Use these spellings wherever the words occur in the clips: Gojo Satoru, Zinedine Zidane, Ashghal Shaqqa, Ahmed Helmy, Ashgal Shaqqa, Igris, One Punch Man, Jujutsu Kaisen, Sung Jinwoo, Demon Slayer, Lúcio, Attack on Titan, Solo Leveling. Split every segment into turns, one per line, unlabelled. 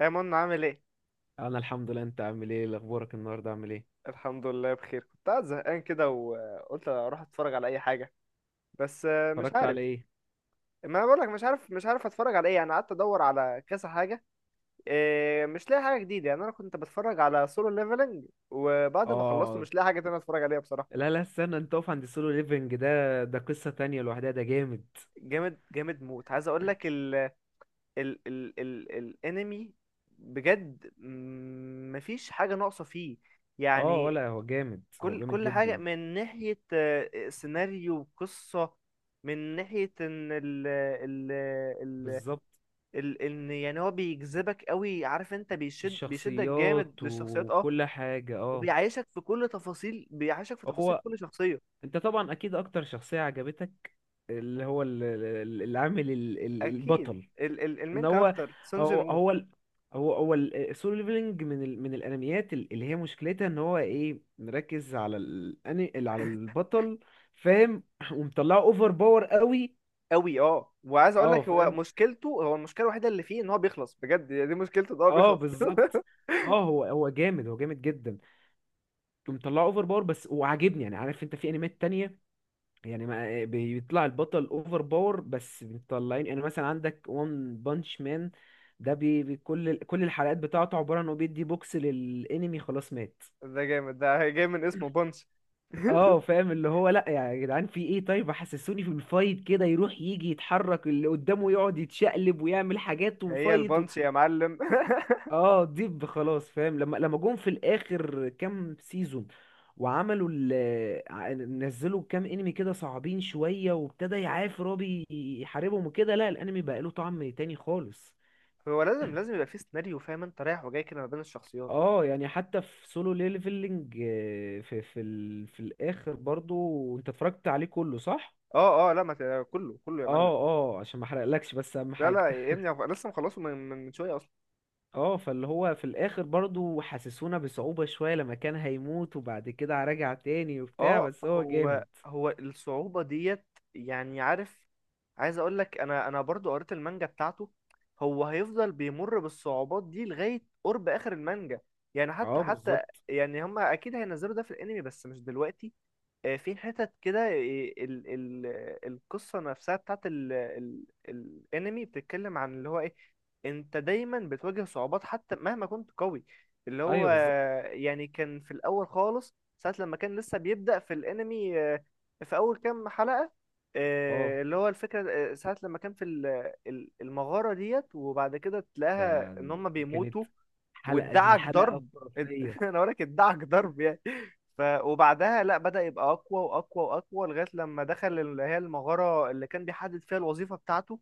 يا منى عامل ايه؟
انا الحمد لله. انت عامل ايه؟ اخبارك؟ النهارده عامل ايه؟
الحمد لله بخير. كنت قاعد زهقان كده وقلت اروح اتفرج على اي حاجه، بس مش
اتفرجت
عارف.
على ايه؟
ما انا بقول لك مش عارف، مش عارف اتفرج على ايه، يعني قعدت ادور على كذا حاجه. إيه، مش لاقي حاجه جديده. يعني انا كنت بتفرج على سولو ليفلنج وبعد ما خلصته
اه.
مش لاقي حاجه تانية اتفرج عليها بصراحه.
لا، لا، استنى، انت اقف عند السولو ليفنج ده قصة تانية لوحدها. ده جامد.
جامد جامد موت. عايز اقول لك ال الانمي بجد، مفيش حاجه ناقصه فيه
اه.
يعني.
ولا هو جامد؟ هو
كل
جامد
كل حاجة
جدا.
من ناحية سيناريو وقصة، من ناحية ان ال
بالظبط.
ال ان، يعني هو بيجذبك قوي. عارف انت، بيشدك جامد
الشخصيات
للشخصيات، اه.
وكل حاجة، اه.
وبيعيشك في كل تفاصيل، بيعيشك في تفاصيل
هو
كل شخصية.
انت طبعا اكيد اكتر شخصية عجبتك؟ اللي هو العامل
اكيد،
البطل.
ال
ان
المين كاركتر سون جين
هو
وو.
هو ال- هو السولو ليفلنج من الانميات اللي هي مشكلتها ان هو ايه، مركز على على البطل. فاهم. ومطلعه اوفر باور قوي.
قوي اه. وعايز اقول
اه،
لك، هو
فاهم.
مشكلته، هو المشكلة الوحيدة اللي فيه ان هو بيخلص بجد. يعني دي مشكلته، ان هو
اه،
بيخلص.
بالظبط. اه، هو جامد، هو جامد جدا، ومطلعه اوفر باور بس وعاجبني. يعني عارف انت، في انميات تانية، يعني ما بيطلع البطل اوفر باور بس بيطلعين، يعني مثلا عندك وان بانش مان. ده كل الحلقات بتاعته عبارة عن انه بيدي بوكس للانمي، خلاص مات.
ده جامد، ده جاي من اسمه بونش.
اه، فاهم، اللي هو لا يا جدعان في ايه؟ طيب حسسوني في الفايت كده، يروح يجي يتحرك اللي قدامه، يقعد يتشقلب ويعمل حاجات
هي
وفايت.
البونش يا معلم.
اه، ديب خلاص فاهم. لما جم في الاخر كام سيزون وعملوا نزلوا كام انمي كده صعبين شوية، وابتدى يعاف رابي يحاربهم وكده، لا الانمي بقى له طعم تاني خالص.
هو لازم لازم يبقى في سيناريو، فاهم انت، رايح وجاي كده ما بين الشخصيات.
اه يعني حتى في سولو ليفلنج، في الاخر برضو، انت اتفرجت عليه كله، صح؟
اه اه، لا ما ت- كله كله يا معلم.
اه، اه، عشان ما احرقلكش، بس اهم
لا
حاجة.
لا يا ابني، أنا لسه مخلصه من شويه اصلا.
اه، فاللي هو في الاخر برضو حسسونا بصعوبة شوية لما كان هيموت، وبعد كده رجع تاني وبتاع،
اه،
بس هو جامد.
هو هو الصعوبه ديت. يعني عارف، عايز اقول لك، انا برضو قريت المانجا بتاعته. هو هيفضل بيمر بالصعوبات دي لغايه قرب اخر المانجا. يعني حتى
اه،
حتى،
بالظبط.
يعني هما اكيد هينزلوا ده في الانمي بس مش دلوقتي. في حتت كده إيه، ال ال القصة نفسها بتاعت ال الانمي بتتكلم عن اللي هو ايه: انت دايما بتواجه صعوبات حتى مهما كنت قوي. اللي هو
ايوه، بالظبط.
يعني كان في الاول خالص، ساعة لما كان لسه بيبدأ في الانمي، في اول كام حلقة.
اه،
اللي هو الفكرة، ساعة لما كان في المغارة ديت، وبعد كده تلاقيها
ده
ان هم
كانت،
بيموتوا
الحلقة دي
وادعك
حلقة
ضرب.
خرافية.
انا بقول لك ادعك ضرب يعني. ف وبعدها لا، بدأ يبقى اقوى واقوى واقوى لغايه لما دخل اللي هي المغاره اللي كان بيحدد فيها الوظيفه بتاعته.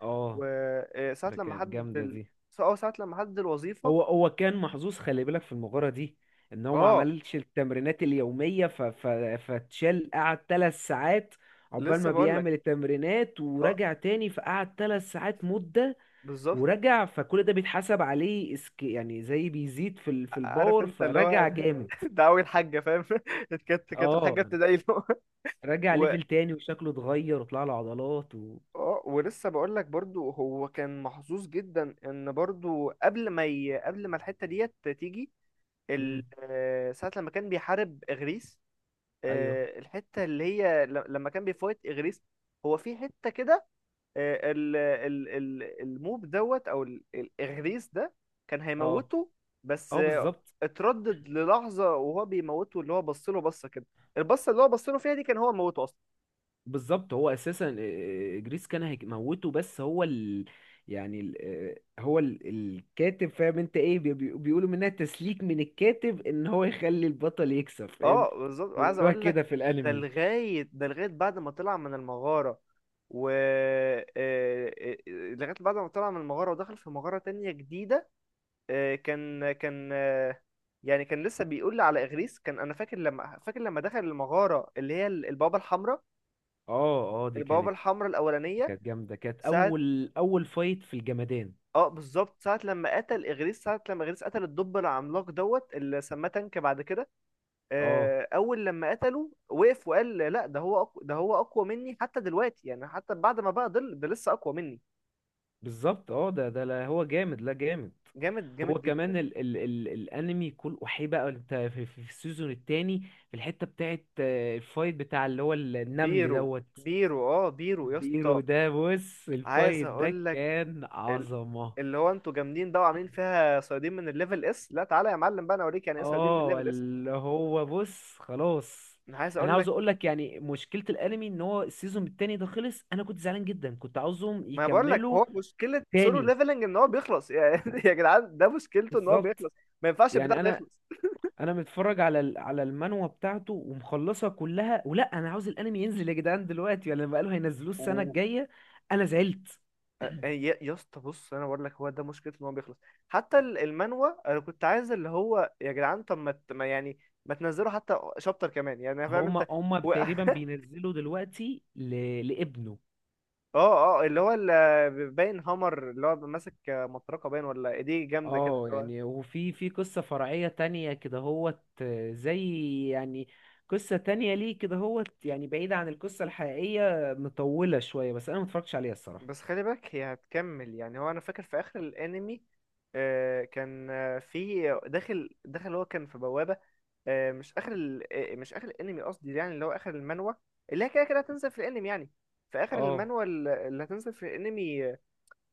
اه،
وساعه
ده
لما
كانت
حدد
جامدة
ال...
دي.
اه ساعه لما حدد الوظيفه.
هو كان محظوظ، خلي بالك في المغارة دي، ان هو ما
اه
عملش التمرينات اليومية، فتشال، قعد 3 ساعات عقبال
لسه
ما
بقول لك،
بيعمل التمرينات،
اه
ورجع تاني فقعد 3 ساعات مدة،
بالظبط.
ورجع، فكل ده بيتحسب عليه يعني زي بيزيد في في
عارف
الباور،
انت اللي هو
فرجع جامد.
ده اول حاجه، فاهم؟ كانت
اه،
الحاجه ابتدائي له.
رجع
و...
ليفل تاني وشكله اتغير وطلع له عضلات و.
اه ولسه بقول لك، برضو هو كان محظوظ جدا ان برضو قبل ما ي... قبل ما الحته ديت تيجي،
مم.
ساعة لما كان بيحارب إغريس،
ايوه،
الحتة اللي هي ل- لما كان بيفايت إغريس، هو في حتة كده، الموب دوت أو ال- الإغريس ده كان
اه،
هيموته، بس
اه،
آه،
بالظبط.
اتردد للحظة وهو بيموته. اللي هو بص له بصة كده، البصة اللي هو بص له فيها دي كان هو موته أصلا.
بالظبط. هو اساسا جريس كان هيموته، بس يعني ال... آه، هو ال... الكاتب، فاهم انت ايه، بيقولوا منها تسليك من الكاتب، ان هو يخلي البطل يكسب، فاهم.
اه بالظبط. وعايز
بيقولوها
أقول لك،
كده في
ده
الانمي.
لغاية، ده لغاية بعد ما طلع من المغارة و لغاية بعد ما طلع من المغارة ودخل في مغارة تانية جديدة. كان يعني كان لسه بيقول لي على إغريس. كان أنا فاكر لما، فاكر لما دخل المغارة اللي هي ال- البوابة الحمراء،
اه، اه، دي
البوابة
كانت
الحمراء الأولانية.
كانت جامده. كانت
ساعة،
اول فايت في الجمدان.
اه بالظبط، ساعة لما قتل إغريس، ساعة لما إغريس قتل الدب العملاق دوت اللي سماه تانك بعد كده.
اه،
أول لما قتله وقف وقال: لا، ده هو أقوى، ده هو أقوى مني حتى دلوقتي. يعني حتى بعد ما بقى ضل، ده لسه أقوى مني.
بالظبط. اه، ده لا هو جامد، لا جامد.
جامد
هو
جامد جدا.
كمان ال ال ال الانمي كل وحي، بقى انت في السيزون التاني، في الحته بتاعت الفايت بتاع اللي هو النمل
بيرو،
دوت.
بيرو اه، بيرو يا اسطى.
بيرو ده، بص
عايز
الفايت ده
اقول لك،
كان عظمه.
اللي هو انتوا جامدين ده وعاملين فيها صيادين من الليفل اس، لا تعالى يا معلم بقى انا اوريك يعني ايه صيادين من
اه،
الليفل اس.
اللي هو بص خلاص.
انا عايز
انا
اقول لك،
عاوز اقول لك، يعني مشكله الانمي ان هو السيزون التاني ده خلص. انا كنت زعلان جدا، كنت عاوزهم
ما أنا بقول لك
يكملوا
هو مشكله سولو
تاني.
ليفلنج ان هو بيخلص. يعني يا جدعان ده مشكلته ان هو
بالظبط.
بيخلص. ما ينفعش البتاع
يعني
ده
انا
يخلص.
انا متفرج على على المانوا بتاعته ومخلصها كلها، ولا انا عاوز الانمي ينزل يا جدعان دلوقتي؟ ولا بقالوا هينزلوه السنه
و
الجايه. انا زعلت.
يا اسطى، بص انا بقول لك، هو ده مشكلته، ان هو بيخلص. حتى ال- المانوا، انا كنت عايز اللي هو يا جدعان، طب ما ت- ما يعني، ما تنزلوا حتى شابتر كمان، يعني فاهم
هما
انت؟
هما
و...
تقريبا بينزلوا دلوقتي لابنه.
اه اه، اللي هو ال- باين هامر، اللي هو ماسك مطرقه باين ولا ايديه جامده كده
اه
اللي هو.
يعني، وفي في قصه فرعيه تانية كده هوت، زي يعني قصه تانية ليه كده هوت، يعني بعيده عن القصه الحقيقيه مطوله شويه، بس انا متفرجتش عليها الصراحه.
بس خلي بالك هي هتكمل. يعني هو انا فاكر في اخر الانمي، كان في داخل هو كان في بوابة. مش اخر ال... مش اخر الانمي قصدي، يعني اللي هو اخر المانوا، اللي هي كده كده هتنزل في الانمي يعني. في اخر
اه،
المانوا اللي هتنزل في الانمي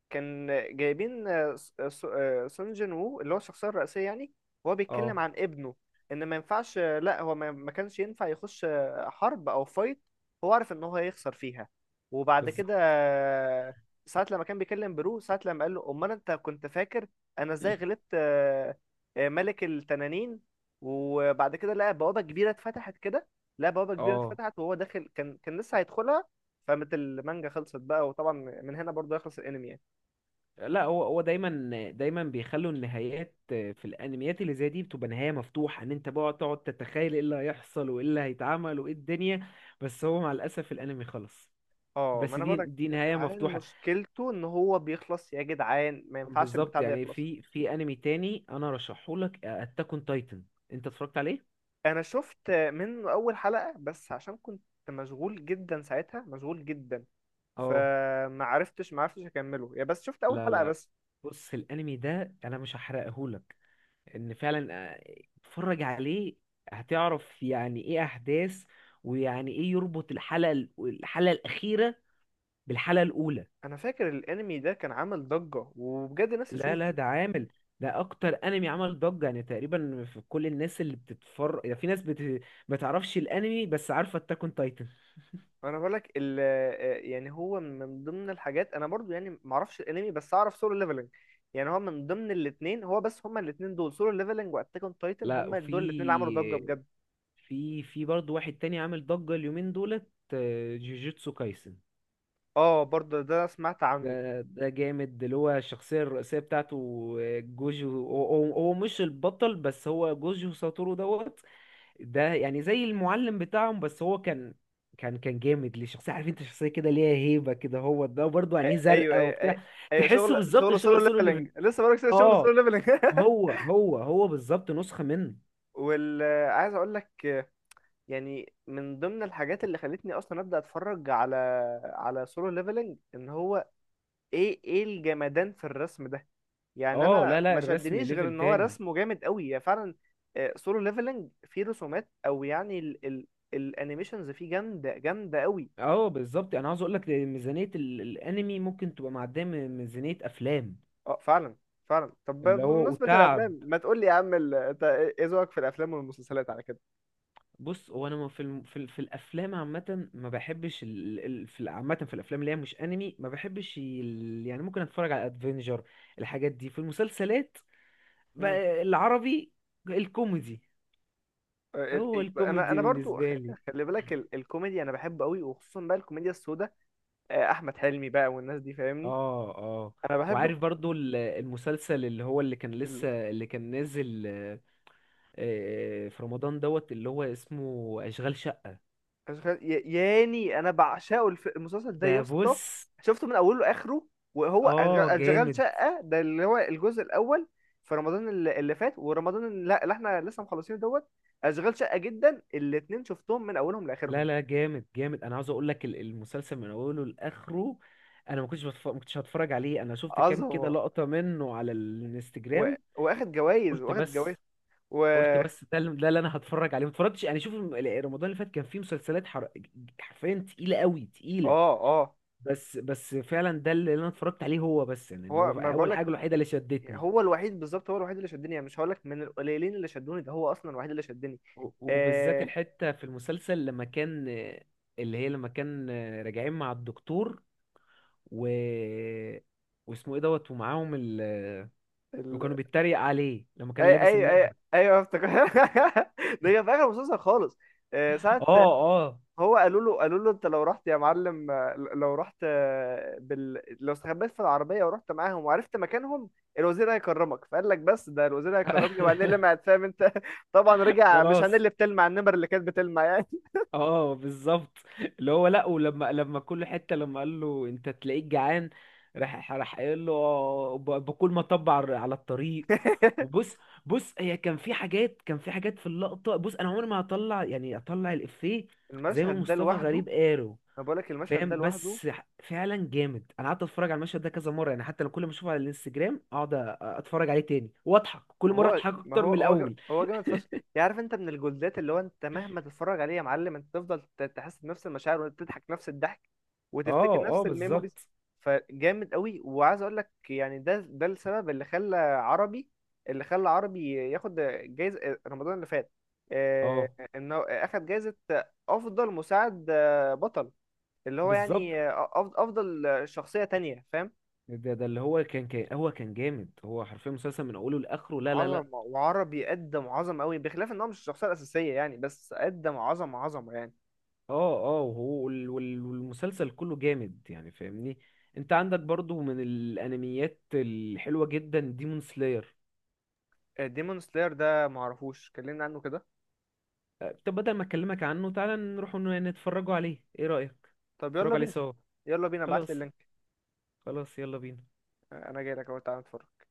كان جايبين سون جين وو اللي هو الشخصية الرئيسية يعني. هو بيتكلم
اه،
عن ابنه ان ما ينفعش، لا هو ما كانش ينفع يخش حرب او فايت. هو عارف ان هو هيخسر فيها. وبعد كده
بالظبط.
ساعة لما كان بيكلم برو، ساعة لما قال له: امال انت كنت فاكر انا ازاي غلبت ملك التنانين؟ وبعد كده لقى بوابة كبيرة اتفتحت كده، لقى بوابة كبيرة
اه،
اتفتحت وهو داخل، كان كان لسه هيدخلها فقامت المانجا خلصت بقى. وطبعا من هنا برضه يخلص الانمي يعني.
لا هو دايما دايما بيخلوا النهايات في الانميات اللي زي دي بتبقى نهايه مفتوحه، ان انت بقى تقعد تتخيل ايه اللي هيحصل وايه اللي هيتعمل وايه الدنيا. بس هو مع الاسف الانمي خلص.
اه ما
بس
انا
دي
بقولك
دي
يا
نهايه
جدعان،
مفتوحه.
مشكلته ان هو بيخلص يا جدعان، ما ينفعش البتاع
بالظبط.
ده
يعني
يخلص.
في انمي تاني انا رشحه لك، اتاك اون تايتن، انت اتفرجت عليه؟
انا شفت منه اول حلقة بس، عشان كنت مشغول جدا ساعتها، مشغول جدا.
اه،
فما عرفتش، ما عرفتش اكمله، يا بس شفت اول
لا،
حلقة
لا،
بس.
بص الانمي ده انا مش هحرقه لك، ان فعلا آه، اتفرج عليه، هتعرف يعني ايه احداث، ويعني ايه يربط الحلقه الاخيره بالحلقه الاولى.
انا فاكر الانمي ده كان عامل ضجة وبجد ناس
لا، لا،
اشوفه.
ده اكتر انمي عمل ضجه، يعني تقريبا في كل الناس اللي بتتفرج، يعني في ناس ما تعرفش الانمي بس عارفه اتاك اون تايتن.
انا بقولك ال آه، يعني هو من ضمن الحاجات، انا برضو يعني ما اعرفش الانمي بس اعرف سولو ليفلنج. يعني هو من ضمن الاثنين، هو بس هما الاثنين دول، سولو ليفلنج واتاك اون تايتن،
لا،
هما دول الاثنين اللي عملوا ضجة
وفي
بجد.
في في برضه واحد تاني عامل ضجه اليومين دولت، جوجوتسو كايسن.
اه برضه ده أنا سمعت عنه.
ده جامد، اللي هو الشخصية الرئيسية بتاعته، جوجو، هو مش البطل، بس هو جوجو ساتورو دوت. ده يعني زي المعلم بتاعهم، بس هو كان جامد. ليه شخصية، عارف انت، شخصية كده ليها هيبة كده، هو ده برضه
أ-
عينيه
ايوه
زرقاء
ايوه ايوه،
وبتاع.
أيوة.
تحسه
شغل
بالظبط
شغل
شبه
سولو
سولو
ليفلنج،
ليفل.
لسه بقولك شغل
اه،
سولو ليفلنج.
هو بالظبط نسخة منه.
وال، عايز اقول لك، يعني من ضمن الحاجات اللي خلتني اصلا ابدا اتفرج على، على سولو ليفلنج، ان هو ايه ايه الجمدان في الرسم ده. يعني
اه،
انا
لا، لا،
ما
الرسم
شدنيش غير
ليفل
ان هو
تاني.
رسمه جامد قوي يعني فعلا. سولو ليفلنج فيه رسومات او يعني ال الانيميشنز فيه جامده جامده قوي.
اه، بالظبط. انا عاوز اقول لك، ميزانية الانمي ممكن تبقى معدية من ميزانية افلام.
اه فعلا، فعلا. طب
اللي
ب-
هو
بمناسبة
وتعب.
الافلام، ما تقول لي يا عم ال- انت ايه، إيه ذوقك في الافلام والمسلسلات على كده؟
بص، هو انا ما في الم... في, ال... في الافلام عامه، ما بحبش عامه في الافلام اللي هي مش انمي، ما بحبش يعني ممكن اتفرج على ادفنجر. الحاجات دي في المسلسلات
امم،
بقى، العربي، الكوميدي. هو
انا
الكوميدي
انا برضو خ-
بالنسبه لي.
خلي بالك ال- الكوميديا انا بحب قوي، وخصوصا بقى الكوميديا السوداء. احمد حلمي بقى والناس دي، فاهمني،
اه، اه،
انا بحب.
وعارف برضو المسلسل اللي هو، اللي كان نازل في رمضان دوت، اللي هو اسمه اشغال شقه.
أشغال- يا- ياني انا بعشقه الف... المسلسل ده يا
ده
اسطى.
بص،
شفته من اوله لاخره. وهو أشغال-
اه
انشغال
جامد.
شقه ده اللي هو الجزء الاول، في رمضان اللي اللي فات، ورمضان اللي اللي احنا لسه مخلصينه دوت اشغال شقه جدا. الاتنين شفتهم من اولهم لاخرهم.
لا، لا، جامد جامد. انا عاوز اقول لك المسلسل من اوله لاخره. انا ما كنتش هتفرج عليه، انا شفت كام كده
عظمه.
لقطة منه على
و...
الانستجرام،
واخد جوائز،
قلت
واخد جوائز.
بس
و
قلت بس ده اللي انا هتفرج عليه، ما اتفرجتش يعني. شوف رمضان اللي فات كان فيه مسلسلات حرفيا تقيلة قوي تقيلة.
اه اه،
بس فعلا ده اللي انا اتفرجت عليه هو بس، يعني إن هو
هو ما بقول
اول
لك،
حاجة الوحيدة اللي شدتني.
هو الوحيد، بالظبط هو الوحيد اللي شدني. يعني مش هقول لك من القليلين اللي شدوني، ده هو اصلا الوحيد اللي شدني.
و- وبالذات
آه...
الحتة في المسلسل لما كان، اللي هي لما كان راجعين مع الدكتور و واسمه ايه دوت، ومعاهم وكانوا بيتريق عليه لما كان
اي
لابس
اي اي
النمر.
ايوه افتكر. ده كان في اخر المسلسل خالص.
اه،
ساعة
اه.
هو قالوا له انت لو رحت يا معلم، لو رحت، بال... لو استخبيت في العربية ورحت معاهم وعرفت مكانهم، الوزير هيكرمك. فقال لك بس ده الوزير هيكرمني، وعينيه لمعت فاهم انت. طبعا رجع، مش عينيه
خلاص.
اللي بتلمع، النمر اللي كانت بتلمع يعني.
اه، بالظبط. اللي هو لا، ولما كل حته، لما قال له انت تلاقيك جعان، راح، قايل له باكل ما طب، على الطريق. وبص، بص هي كان في حاجات، كان في حاجات في اللقطه. بص انا عمري ما هطلع يعني اطلع الافيه، زي ما
المشهد ده
مصطفى
لوحده،
غريب قاله،
انا بقول لك المشهد ده
فاهم.
لوحده،
بس فعلا جامد. انا قعدت اتفرج على المشهد ده كذا مره، يعني حتى انا كل ما اشوفه على الانستجرام اقعد اتفرج عليه تاني واضحك، كل مره
هو
اضحك
ما
اكتر
هو
من
هو جا-
الاول.
هو جامد فشخ. يعني عارف انت، من الجولدات اللي هو انت مهما تتفرج عليه يا معلم، انت تفضل ت- تحس بنفس المشاعر وتضحك نفس الضحك وتفتكر
اه، اه،
نفس الميموريز.
بالظبط.
فجامد قوي. وعايز اقول لك يعني، ده ده السبب اللي خلى عربي، اللي خلى عربي ياخد جايزة رمضان اللي فات. آه،
اه،
انه اخد جايزة افضل مساعد، بطل. اللي هو
بالظبط.
يعني افضل شخصية تانية، فاهم.
ده اللي هو كان كان هو كان جامد، هو حرفيا مسلسل من اوله لاخره. لا، لا، لا.
عظمة. وعربي قدم عظمة قوي، بخلاف ان هو مش الشخصية الأساسية يعني، بس قدم عظمة عظمة يعني.
اه، اه، وهو والمسلسل كله جامد، يعني فاهمني. انت عندك برضو من الانميات الحلوه جدا، ديمون سلاير.
ديمون سلاير ده معرفوش، كلمنا عنه كده.
طب بدل ما اكلمك عنه تعالى نروح نتفرجوا عليه، ايه رايك؟
طب يلا
نتفرجوا عليه
بينا.
سوا.
يلا بينا، ابعتلي
خلاص،
اللينك.
خلاص، يلا بينا.
انا جاي لك اهو، تعالى نتفرج.